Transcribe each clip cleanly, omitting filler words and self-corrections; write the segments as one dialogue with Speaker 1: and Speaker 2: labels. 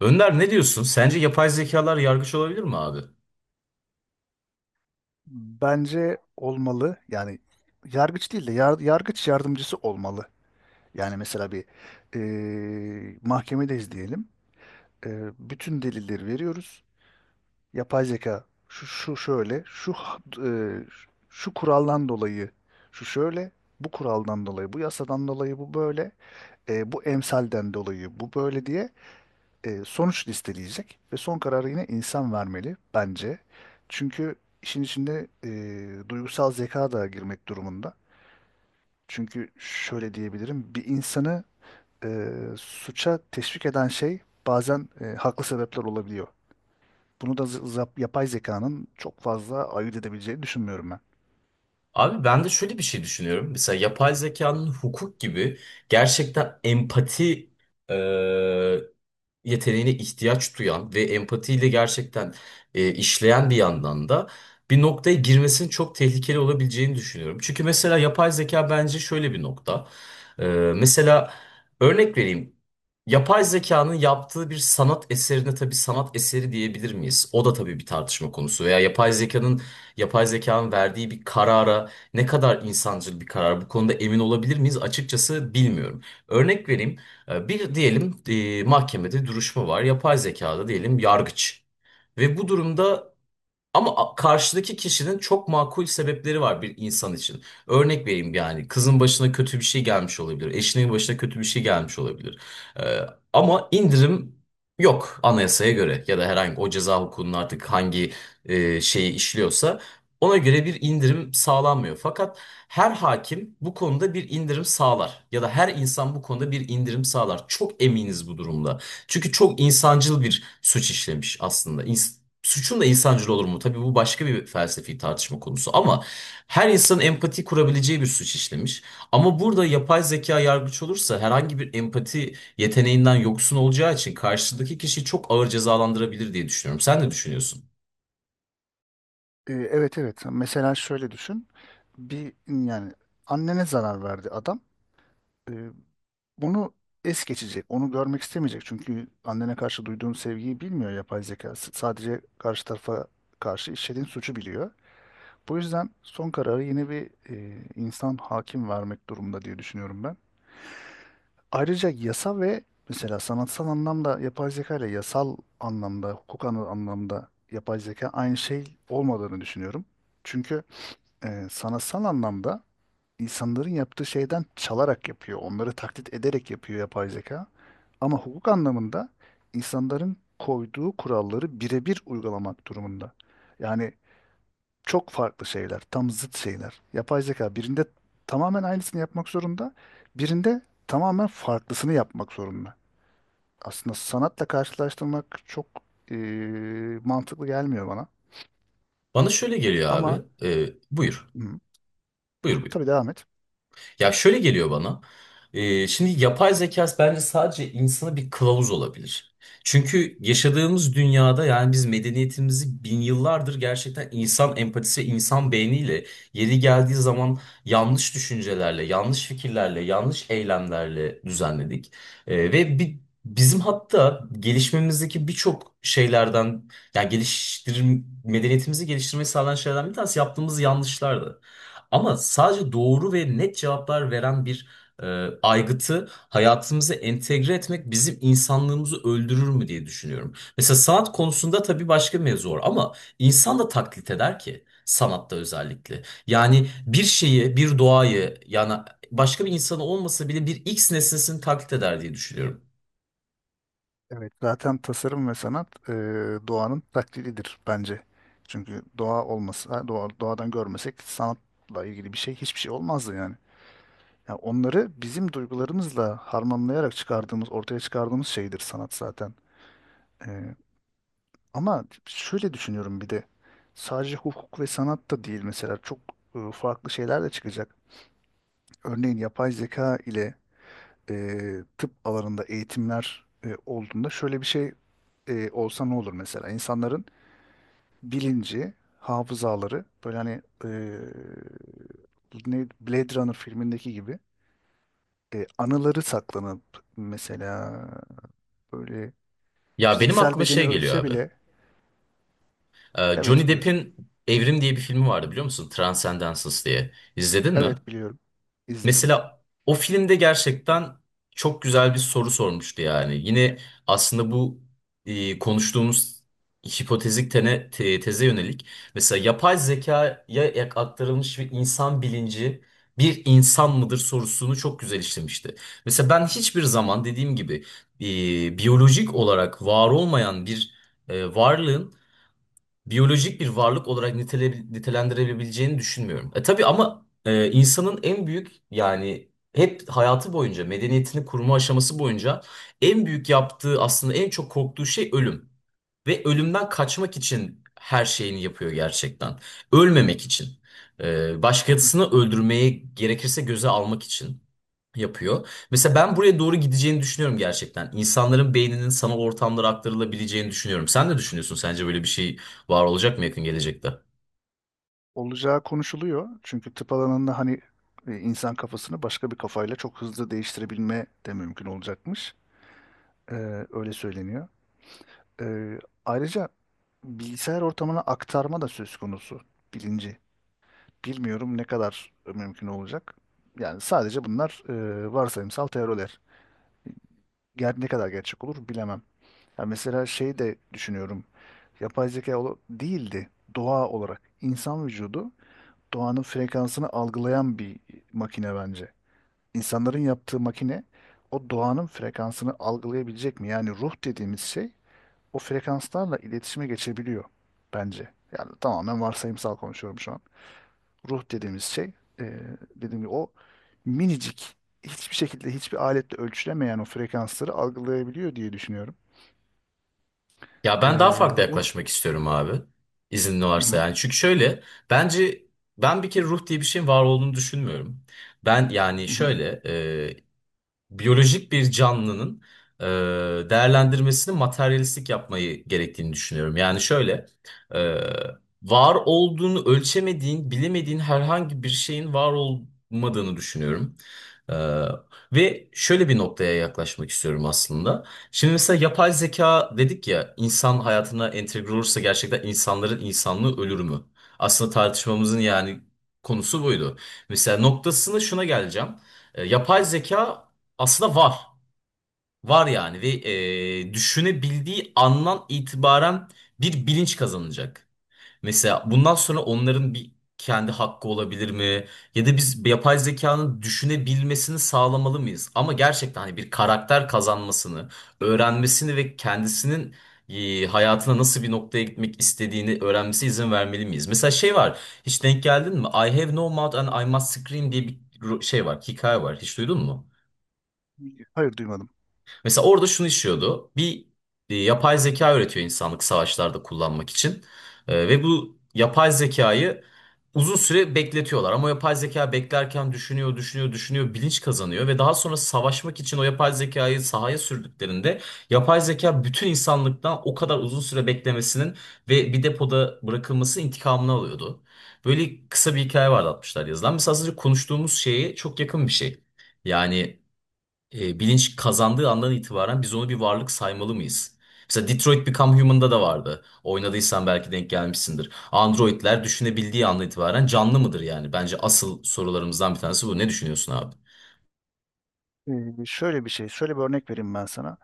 Speaker 1: Önder ne diyorsun? Sence yapay zekalar yargıç olabilir mi abi?
Speaker 2: Bence olmalı. Yani yargıç değil de yargıç yardımcısı olmalı. Yani mesela bir mahkemedeyiz diyelim. Bütün delilleri veriyoruz. Yapay zeka şu, şu şöyle, şu kuraldan dolayı şu şöyle, bu kuraldan dolayı, bu yasadan dolayı bu böyle, bu emsalden dolayı bu böyle diye sonuç listeleyecek ve son kararı yine insan vermeli bence. Çünkü işin içinde duygusal zeka da girmek durumunda. Çünkü şöyle diyebilirim, bir insanı e, suça teşvik eden şey bazen haklı sebepler olabiliyor. Bunu da yapay zekanın çok fazla ayırt edebileceğini düşünmüyorum ben.
Speaker 1: Abi ben de şöyle bir şey düşünüyorum. Mesela yapay zekanın hukuk gibi gerçekten empati yeteneğine ihtiyaç duyan ve empatiyle gerçekten işleyen bir yandan da bir noktaya girmesinin çok tehlikeli olabileceğini düşünüyorum. Çünkü mesela yapay zeka bence şöyle bir nokta. Ee, mesela örnek vereyim. Yapay zekanın yaptığı bir sanat eserine tabii sanat eseri diyebilir miyiz? O da tabii bir tartışma konusu. Veya yapay zekanın verdiği bir karara ne kadar insancıl bir karar bu konuda emin olabilir miyiz? Açıkçası bilmiyorum. Örnek vereyim. Bir diyelim mahkemede duruşma var. Yapay zekada diyelim yargıç. Ve bu durumda karşıdaki kişinin çok makul sebepleri var bir insan için. Örnek vereyim yani kızın başına kötü bir şey gelmiş olabilir. Eşinin başına kötü bir şey gelmiş olabilir. Ee, ama indirim yok anayasaya göre ya da herhangi o ceza hukukunun artık hangi şeyi işliyorsa ona göre bir indirim sağlanmıyor. Fakat her hakim bu konuda bir indirim sağlar ya da her insan bu konuda bir indirim sağlar. Çok eminiz bu durumda. Çünkü çok insancıl bir suç işlemiş aslında. Suçun da insancıl olur mu? Tabii bu başka bir felsefi tartışma konusu ama her insanın empati kurabileceği bir suç işlemiş. Ama burada yapay zeka yargıç olursa herhangi bir empati yeteneğinden yoksun olacağı için karşıdaki kişiyi çok ağır cezalandırabilir diye düşünüyorum. Sen ne düşünüyorsun?
Speaker 2: Evet evet. Mesela şöyle düşün. Bir yani annene zarar verdi adam. E, Onu es geçecek. Onu görmek istemeyecek. Çünkü annene karşı duyduğun sevgiyi bilmiyor yapay zeka. Sadece karşı tarafa karşı işlediğin suçu biliyor. Bu yüzden son kararı yine bir insan hakim vermek durumunda diye düşünüyorum ben. Ayrıca yasa ve mesela sanatsal anlamda yapay zeka ile yasal anlamda, anlamda yapay zeka aynı şey olmadığını düşünüyorum. Çünkü sanatsal anlamda insanların yaptığı şeyden çalarak yapıyor. Onları taklit ederek yapıyor yapay zeka. Ama hukuk anlamında insanların koyduğu kuralları birebir uygulamak durumunda. Yani çok farklı şeyler, tam zıt şeyler. Yapay zeka birinde tamamen aynısını yapmak zorunda, birinde tamamen farklısını yapmak zorunda. Aslında sanatla karşılaştırmak çok e, mantıklı gelmiyor bana.
Speaker 1: Bana şöyle geliyor abi.
Speaker 2: Ama
Speaker 1: Buyur.
Speaker 2: hı,
Speaker 1: Buyur, buyur.
Speaker 2: tabii devam et.
Speaker 1: Ya şöyle geliyor bana. Şimdi yapay zeka bence sadece insana bir kılavuz olabilir. Çünkü yaşadığımız dünyada yani biz medeniyetimizi bin yıllardır gerçekten insan empatisi ve insan beyniyle yeri geldiği zaman yanlış düşüncelerle, yanlış fikirlerle, yanlış eylemlerle düzenledik. Ve bizim hatta gelişmemizdeki birçok şeylerden yani geliştir medeniyetimizi geliştirmeyi sağlayan şeylerden bir tanesi yaptığımız yanlışlardı. Ama sadece doğru ve net cevaplar veren bir aygıtı hayatımıza entegre etmek bizim insanlığımızı öldürür mü diye düşünüyorum. Mesela sanat konusunda tabii başka mevzu var ama insan da taklit eder ki sanatta özellikle. Yani bir şeyi, bir doğayı yani başka bir insanı olmasa bile bir X nesnesini taklit eder diye düşünüyorum.
Speaker 2: Evet, zaten tasarım ve sanat doğanın taklididir bence. Çünkü doğa olmasa, doğadan görmesek sanatla ilgili bir şey hiçbir şey olmazdı yani. Yani onları bizim duygularımızla harmanlayarak ortaya çıkardığımız şeydir sanat zaten. E, Ama şöyle düşünüyorum bir de sadece hukuk ve sanat da değil mesela çok farklı şeyler de çıkacak. Örneğin yapay zeka ile e, tıp alanında eğitimler olduğunda şöyle bir şey olsa ne olur mesela? İnsanların bilinci, hafızaları böyle hani ne Blade Runner filmindeki gibi anıları saklanıp mesela böyle
Speaker 1: Ya benim
Speaker 2: fiziksel
Speaker 1: aklıma
Speaker 2: bedeni
Speaker 1: şey geliyor
Speaker 2: ölse
Speaker 1: abi.
Speaker 2: bile evet
Speaker 1: Johnny
Speaker 2: buyur.
Speaker 1: Depp'in Evrim diye bir filmi vardı biliyor musun? Transcendence diye. İzledin mi?
Speaker 2: Evet biliyorum. İzledim.
Speaker 1: Mesela o filmde gerçekten çok güzel bir soru sormuştu yani. Yine aslında bu konuştuğumuz hipotezik teze yönelik. Mesela yapay zekaya aktarılmış ve insan bilinci bir insan mıdır sorusunu çok güzel işlemişti. Mesela ben hiçbir zaman dediğim gibi biyolojik olarak var olmayan bir varlığın biyolojik bir varlık olarak nitelendirebileceğini düşünmüyorum. E tabii ama insanın en büyük yani hep hayatı boyunca medeniyetini kurma aşaması boyunca en büyük yaptığı aslında en çok korktuğu şey ölüm. Ve ölümden kaçmak için her şeyini yapıyor gerçekten. Ölmemek için. Başkasını öldürmeye gerekirse göze almak için yapıyor. Mesela ben buraya doğru gideceğini düşünüyorum gerçekten. İnsanların beyninin sanal ortamlara aktarılabileceğini düşünüyorum. Sen ne düşünüyorsun? Sence böyle bir şey var olacak mı yakın gelecekte?
Speaker 2: Olacağı konuşuluyor. Çünkü tıp alanında hani insan kafasını başka bir kafayla çok hızlı değiştirebilme de mümkün olacakmış. Öyle söyleniyor. Ee, Ayrıca bilgisayar ortamına aktarma da söz konusu bilinci. Bilmiyorum ne kadar mümkün olacak. Yani sadece bunlar varsayımsal teoriler. Ne kadar gerçek olur bilemem. Ya mesela şey de düşünüyorum. Yapay zeka değildi. Doğa olarak insan vücudu doğanın frekansını algılayan bir makine bence. İnsanların yaptığı makine o doğanın frekansını algılayabilecek mi? Yani ruh dediğimiz şey o frekanslarla iletişime geçebiliyor bence. Yani tamamen varsayımsal konuşuyorum şu an. Ruh dediğimiz şey dediğim gibi o minicik hiçbir şekilde hiçbir aletle ölçülemeyen o frekansları algılayabiliyor diye düşünüyorum.
Speaker 1: Ya ben daha
Speaker 2: Ee,
Speaker 1: farklı
Speaker 2: Ruh.
Speaker 1: yaklaşmak istiyorum abi. İzin
Speaker 2: Hı
Speaker 1: varsa
Speaker 2: hı,
Speaker 1: yani. Çünkü şöyle bence ben bir kere ruh diye bir şeyin var olduğunu düşünmüyorum. Ben yani
Speaker 2: hı hı.
Speaker 1: şöyle biyolojik bir canlının e, değerlendirmesini materyalistik yapmayı gerektiğini düşünüyorum. Yani şöyle, e, var olduğunu ölçemediğin, bilemediğin herhangi bir şeyin var olmadığını düşünüyorum. E, ve şöyle bir noktaya yaklaşmak istiyorum aslında. Şimdi mesela yapay zeka dedik ya, insan hayatına entegre olursa gerçekten insanların insanlığı ölür mü? Aslında tartışmamızın yani konusu buydu. Mesela noktasını şuna geleceğim. Yapay zeka aslında var. Var yani ve düşünebildiği andan itibaren bir bilinç kazanacak. Mesela bundan sonra onların bir kendi hakkı olabilir mi? Ya da biz yapay zekanın düşünebilmesini sağlamalı mıyız? Ama gerçekten hani bir karakter kazanmasını, öğrenmesini ve kendisinin hayatına nasıl bir noktaya gitmek istediğini öğrenmesi izin vermeli miyiz? Mesela şey var, hiç denk geldin mi? I have no mouth and I must scream diye bir şey var, hikaye var. Hiç duydun mu?
Speaker 2: Hayır duymadım.
Speaker 1: Mesela orada şunu işiyordu. Bir yapay zeka üretiyor insanlık savaşlarda kullanmak için. Ve bu yapay zekayı uzun süre bekletiyorlar. Ama yapay zeka beklerken düşünüyor, bilinç kazanıyor. Ve daha sonra savaşmak için o yapay zekayı sahaya sürdüklerinde yapay zeka bütün insanlıktan o kadar uzun süre beklemesinin ve bir depoda bırakılması intikamını alıyordu. Böyle kısa bir hikaye vardı 60'lar yazılan. Mesela az önce konuştuğumuz şeye çok yakın bir şey. Yani bilinç kazandığı andan itibaren biz onu bir varlık saymalı mıyız? Mesela Detroit Become Human'da da vardı. Oynadıysan belki denk gelmişsindir. Androidler düşünebildiği andan itibaren canlı mıdır yani? Bence asıl sorularımızdan bir tanesi bu. Ne düşünüyorsun abi?
Speaker 2: Ee, Şöyle bir şey, şöyle bir örnek vereyim ben sana.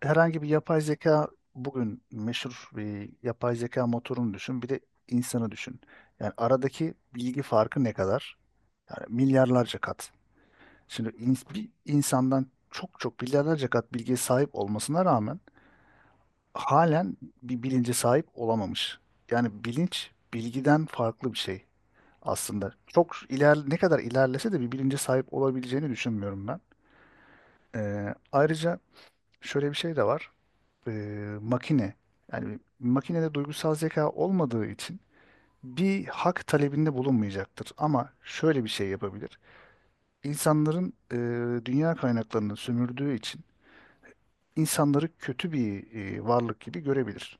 Speaker 2: Herhangi bir yapay zeka bugün meşhur bir yapay zeka motorunu düşün, bir de insanı düşün. Yani aradaki bilgi farkı ne kadar? Yani milyarlarca kat. Şimdi bir insandan çok çok milyarlarca kat bilgiye sahip olmasına rağmen halen bir bilince sahip olamamış. Yani bilinç bilgiden farklı bir şey aslında. Çok iler Ne kadar ilerlese de bir bilince sahip olabileceğini düşünmüyorum ben. Ayrıca şöyle bir şey de var. Makine yani makinede duygusal zeka olmadığı için bir hak talebinde bulunmayacaktır. Ama şöyle bir şey yapabilir. İnsanların dünya kaynaklarını sömürdüğü için insanları kötü bir varlık gibi görebilir.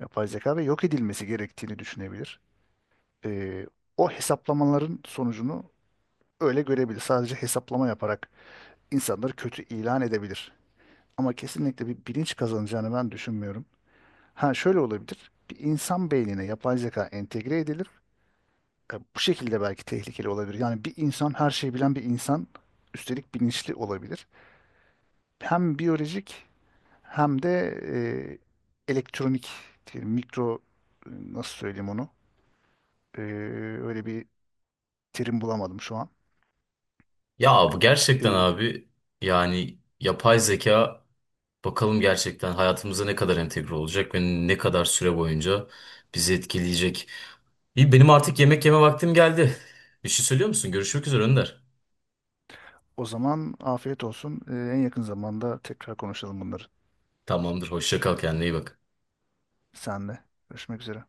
Speaker 2: Yapay zeka ve yok edilmesi gerektiğini düşünebilir. Ee, O hesaplamaların sonucunu öyle görebilir. Sadece hesaplama yaparak insanları kötü ilan edebilir. Ama kesinlikle bir bilinç kazanacağını ben düşünmüyorum. Ha şöyle olabilir. Bir insan beynine yapay zeka entegre edilir. Bu şekilde belki tehlikeli olabilir. Yani bir insan her şeyi bilen bir insan üstelik bilinçli olabilir. Hem biyolojik hem de elektronik, diyelim, mikro nasıl söyleyeyim onu? Ee, Öyle bir terim bulamadım şu an.
Speaker 1: Ya bu gerçekten
Speaker 2: E,
Speaker 1: abi yani yapay zeka bakalım gerçekten hayatımıza ne kadar entegre olacak ve ne kadar süre boyunca bizi etkileyecek. İyi benim artık yemek yeme vaktim geldi. Bir şey söylüyor musun? Görüşmek üzere Önder.
Speaker 2: O zaman afiyet olsun. E, en yakın zamanda tekrar konuşalım bunları
Speaker 1: Tamamdır. Hoşça kal, kendine iyi bak.
Speaker 2: senle. Görüşmek üzere.